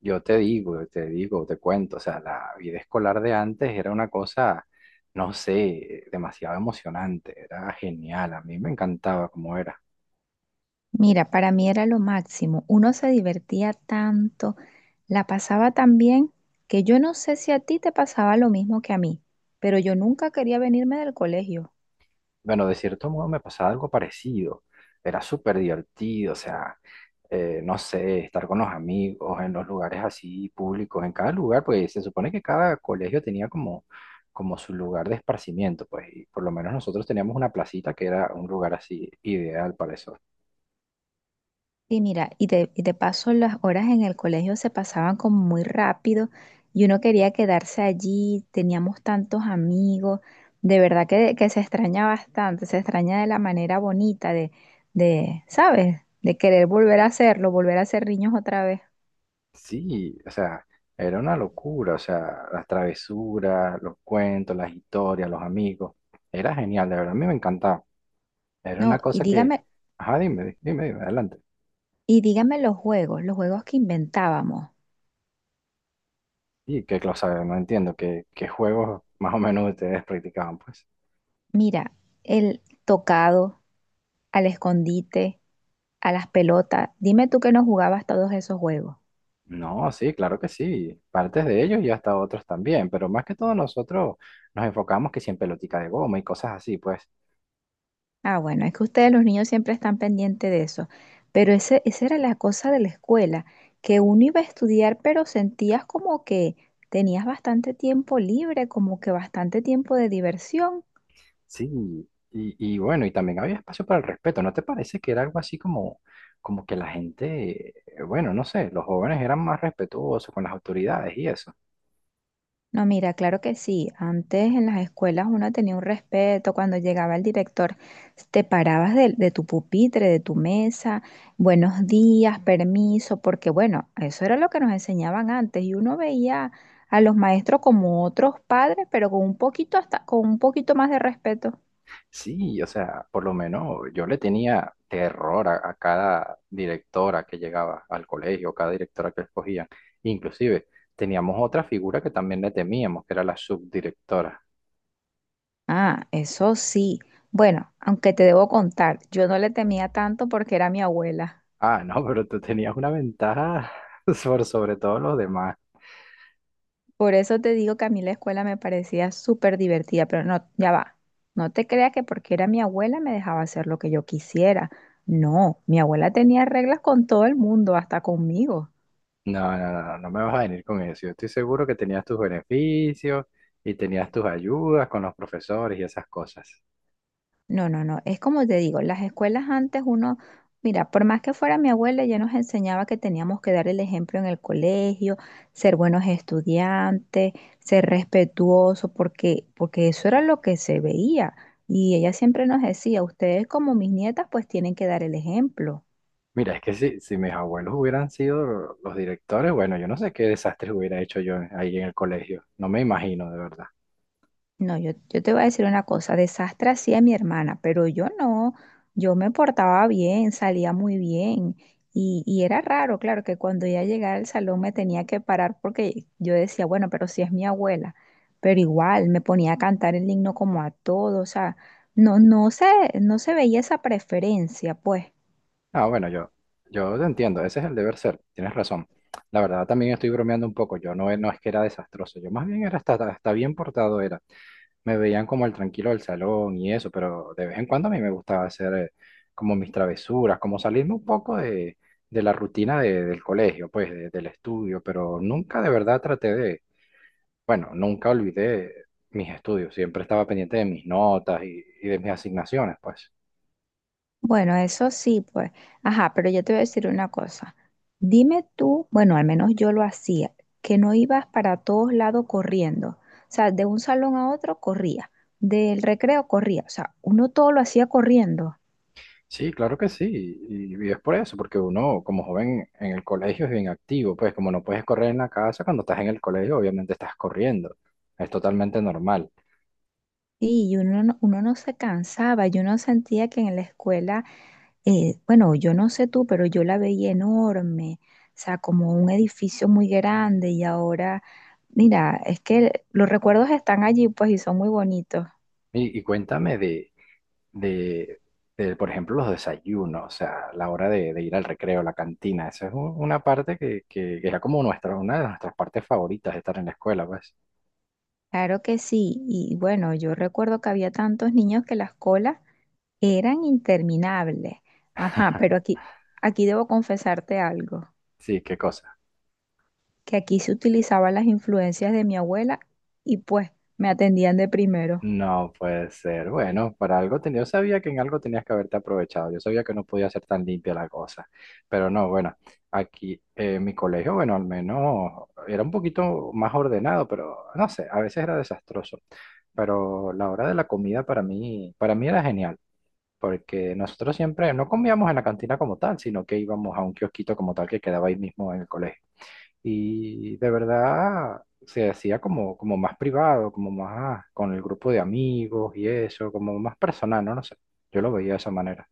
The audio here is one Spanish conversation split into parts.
Yo te digo, te digo, te cuento, o sea, la vida escolar de antes era una cosa, no sé, demasiado emocionante, era genial, a mí me encantaba cómo era. Mira, para mí era lo máximo. Uno se divertía tanto, la pasaba tan bien, que yo no sé si a ti te pasaba lo mismo que a mí, pero yo nunca quería venirme del colegio. Bueno, de cierto modo me pasaba algo parecido, era súper divertido, o sea, no sé, estar con los amigos en los lugares así públicos, en cada lugar, pues se supone que cada colegio tenía como, como su lugar de esparcimiento, pues, y por lo menos nosotros teníamos una placita que era un lugar así ideal para eso. Y mira, y de paso las horas en el colegio se pasaban como muy rápido y uno quería quedarse allí, teníamos tantos amigos, de verdad que se extraña bastante, se extraña de la manera bonita de, ¿sabes? De querer volver a hacerlo, volver a ser niños otra vez. Sí, o sea, era una locura, o sea, las travesuras, los cuentos, las historias, los amigos, era genial, de verdad, a mí me encantaba. Era No, una y cosa que, dígame. ajá, dime, dime, adelante. Y dígame los juegos que inventábamos. Y qué cosa, no entiendo, qué juegos más o menos ustedes practicaban, pues. Mira, el tocado, al escondite, a las pelotas. Dime tú que no jugabas todos esos juegos. No, sí, claro que sí, partes de ellos y hasta otros también, pero más que todo nosotros nos enfocamos que si en pelotica de goma y cosas así, pues. Ah, bueno, es que ustedes los niños siempre están pendientes de eso. Pero esa era la cosa de la escuela, que uno iba a estudiar, pero sentías como que tenías bastante tiempo libre, como que bastante tiempo de diversión. Sí, y bueno, y también había espacio para el respeto, ¿no te parece que era algo así como, como que la gente, bueno, no sé, los jóvenes eran más respetuosos con las autoridades y eso? No, mira, claro que sí. Antes en las escuelas uno tenía un respeto. Cuando llegaba el director, te parabas de tu pupitre, de tu mesa, buenos días, permiso, porque bueno, eso era lo que nos enseñaban antes y uno veía a los maestros como otros padres, pero con un poquito hasta, con un poquito más de respeto. Sí, o sea, por lo menos yo le tenía terror a cada directora que llegaba al colegio, cada directora que escogían. Inclusive teníamos otra figura que también le temíamos, que era la subdirectora. Ah, eso sí. Bueno, aunque te debo contar, yo no le temía tanto porque era mi abuela. Ah, no, pero tú tenías una ventaja por sobre todos los demás. Por eso te digo que a mí la escuela me parecía súper divertida, pero no, ya va. No te creas que porque era mi abuela me dejaba hacer lo que yo quisiera. No, mi abuela tenía reglas con todo el mundo, hasta conmigo. No, no, no, no me vas a venir con eso. Yo estoy seguro que tenías tus beneficios y tenías tus ayudas con los profesores y esas cosas. No, no, no. Es como te digo, las escuelas antes uno, mira, por más que fuera mi abuela, ella nos enseñaba que teníamos que dar el ejemplo en el colegio, ser buenos estudiantes, ser respetuosos, porque eso era lo que se veía. Y ella siempre nos decía, ustedes como mis nietas, pues tienen que dar el ejemplo. Mira, es que si mis abuelos hubieran sido los directores, bueno, yo no sé qué desastres hubiera hecho yo ahí en el colegio. No me imagino, de verdad. No, yo te voy a decir una cosa, desastre hacía mi hermana, pero yo no, yo me portaba bien, salía muy bien y era raro, claro, que cuando ella llegara al salón me tenía que parar porque yo decía, bueno, pero si es mi abuela, pero igual me ponía a cantar el himno como a todos, o sea, no, no se, no se veía esa preferencia, pues. Ah, bueno, yo te entiendo, ese es el deber ser, tienes razón. La verdad, también estoy bromeando un poco. Yo no, no es que era desastroso, yo más bien era hasta, hasta bien portado era. Me veían como el tranquilo del salón y eso, pero de vez en cuando a mí me gustaba hacer como mis travesuras, como salirme un poco de, del colegio, pues del estudio, pero nunca de verdad traté de, bueno, nunca olvidé mis estudios, siempre estaba pendiente de mis notas y de mis asignaciones, pues. Bueno, eso sí, pues, ajá, pero yo te voy a decir una cosa. Dime tú, bueno, al menos yo lo hacía, que no ibas para todos lados corriendo. O sea, de un salón a otro corría, del recreo corría. O sea, uno todo lo hacía corriendo. Sí, claro que sí, y es por eso, porque uno como joven en el colegio es bien activo, pues como no puedes correr en la casa, cuando estás en el colegio obviamente estás corriendo, es totalmente normal. Sí, uno no se cansaba, yo no sentía que en la escuela, bueno, yo no sé tú, pero yo la veía enorme, o sea, como un edificio muy grande y ahora, mira, es que los recuerdos están allí, pues, y son muy bonitos. Y cuéntame de, de, por ejemplo, los desayunos, o sea, la hora de ir al recreo, la cantina. Una parte que, que era como nuestra, una de nuestras partes favoritas de estar en la escuela, pues. Claro que sí, y bueno, yo recuerdo que había tantos niños que las colas eran interminables. Ajá, aquí debo confesarte algo, Sí, qué cosa. que aquí se utilizaban las influencias de mi abuela y pues me atendían de primero. No puede ser. Bueno, para algo tenía, yo sabía que en algo tenías que haberte aprovechado. Yo sabía que no podía ser tan limpia la cosa. Pero no, bueno, aquí mi colegio, bueno, al menos era un poquito más ordenado, pero no sé, a veces era desastroso. Pero la hora de la comida para mí era genial. Porque nosotros siempre no comíamos en la cantina como tal, sino que íbamos a un kiosquito como tal que quedaba ahí mismo en el colegio. Y de verdad se hacía como, como más privado, como más con el grupo de amigos y eso, como más personal, no, no sé. Yo lo veía de esa manera.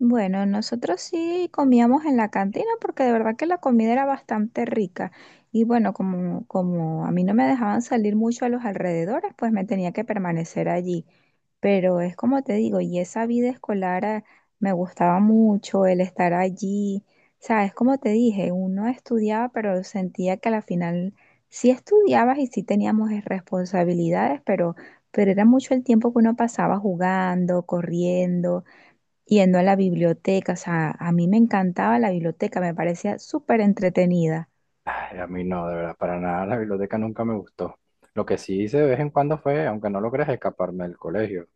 Bueno, nosotros sí comíamos en la cantina porque de verdad que la comida era bastante rica. Y bueno, como a mí no me dejaban salir mucho a los alrededores, pues me tenía que permanecer allí. Pero es como te digo, y esa vida escolar ah, me gustaba mucho, el estar allí. Sabes, como te dije, uno estudiaba, pero sentía que a la final sí estudiabas y sí teníamos responsabilidades, pero era mucho el tiempo que uno pasaba jugando, corriendo yendo a la biblioteca. O sea, a mí me encantaba la biblioteca, me parecía súper entretenida. Ay, a mí no, de verdad, para nada la biblioteca nunca me gustó. Lo que sí hice de vez en cuando fue, aunque no logré escaparme del colegio,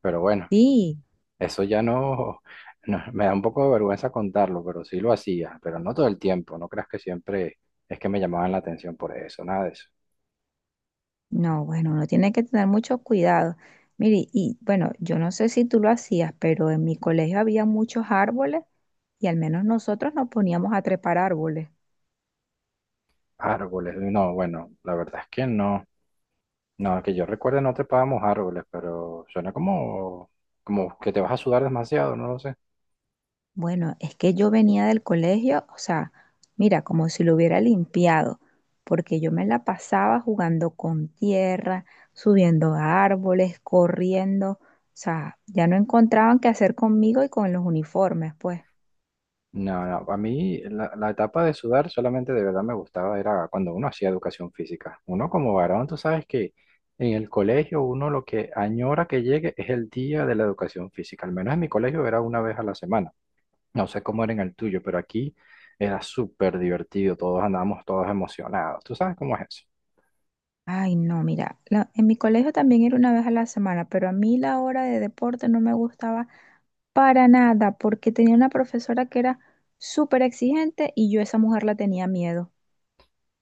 pero bueno. Sí, Eso ya no, me da un poco de vergüenza contarlo, pero sí lo hacía, pero no todo el tiempo, no creas que siempre es que me llamaban la atención por eso, nada de eso. no, bueno, uno tiene que tener mucho cuidado. Mire, y bueno, yo no sé si tú lo hacías, pero en mi colegio había muchos árboles y al menos nosotros nos poníamos a trepar árboles. Árboles, no, bueno, la verdad es que no, no, que yo recuerde no trepábamos árboles, pero suena como, como que te vas a sudar demasiado, no lo sé. Bueno, es que yo venía del colegio, o sea, mira, como si lo hubiera limpiado, porque yo me la pasaba jugando con tierra, subiendo a árboles, corriendo, o sea, ya no encontraban qué hacer conmigo y con los uniformes, pues. No, no, a mí la, la etapa de sudar solamente de verdad me gustaba, era cuando uno hacía educación física. Uno como varón, tú sabes que en el colegio uno lo que añora que llegue es el día de la educación física. Al menos en mi colegio era una vez a la semana. No sé cómo era en el tuyo, pero aquí era súper divertido, todos andábamos todos emocionados. ¿Tú sabes cómo es eso? Ay, no, mira, la- en mi colegio también era una vez a la semana, pero a mí la hora de deporte no me gustaba para nada, porque tenía una profesora que era súper exigente y yo a esa mujer la tenía miedo.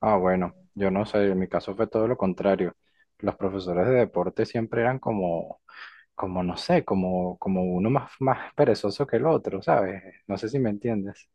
Ah, bueno, yo no sé, en mi caso fue todo lo contrario. Los profesores de deporte siempre eran como… como no sé, como, como uno más, más perezoso que el otro, ¿sabes? No sé si me entiendes.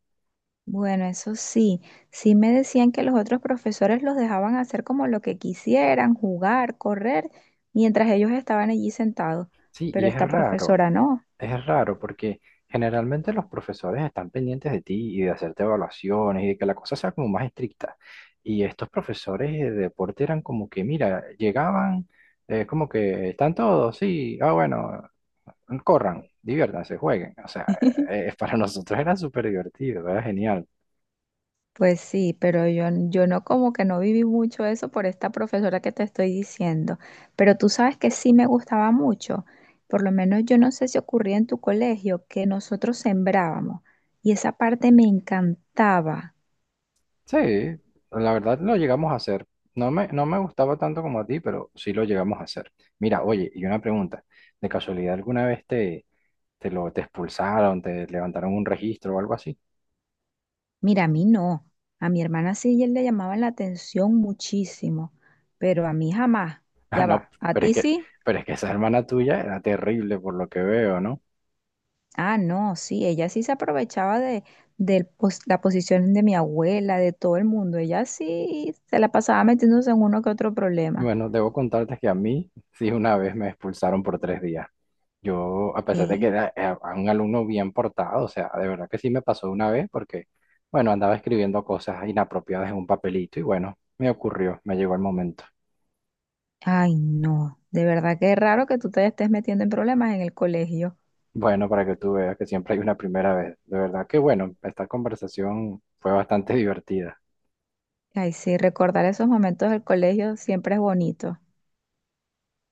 Bueno, eso sí, sí me decían que los otros profesores los dejaban hacer como lo que quisieran, jugar, correr, mientras ellos estaban allí sentados, Sí, y pero esta profesora no. es raro porque generalmente los profesores están pendientes de ti y de hacerte evaluaciones y de que la cosa sea como más estricta. Y estos profesores de deporte eran como que, mira, llegaban, como que están todos, sí, ah, bueno, corran, diviértanse, jueguen. O sea, para nosotros era súper divertido, era genial. Pues sí, pero yo no como que no viví mucho eso por esta profesora que te estoy diciendo, pero tú sabes que sí me gustaba mucho, por lo menos yo no sé si ocurría en tu colegio que nosotros sembrábamos y esa parte me encantaba. Sí, la verdad lo llegamos a hacer. No me, no me gustaba tanto como a ti, pero sí lo llegamos a hacer. Mira, oye, y una pregunta. ¿De casualidad alguna vez te, te lo te expulsaron, te levantaron un registro o algo así? Mira, a mí no. A mi hermana sí y él le llamaban la atención muchísimo, pero a mí jamás. Ah, Ya no, va. ¿A pero es ti que, sí? pero es que esa hermana tuya era terrible por lo que veo, ¿no? Ah, no, sí. Ella sí se aprovechaba del pos- la posición de mi abuela, de todo el mundo. Ella sí se la pasaba metiéndose en uno que otro problema. Bueno, debo contarte que a mí sí una vez me expulsaron por 3 días. Yo, a pesar de que ¿Qué? era, era un alumno bien portado, o sea, de verdad que sí me pasó una vez porque, bueno, andaba escribiendo cosas inapropiadas en un papelito y bueno, me ocurrió, me llegó el momento. Ay, no. De verdad que es raro que tú te estés metiendo en problemas en el colegio. Bueno, para que tú veas que siempre hay una primera vez. De verdad que bueno, esta conversación fue bastante divertida. Ay, sí, recordar esos momentos del colegio siempre es bonito.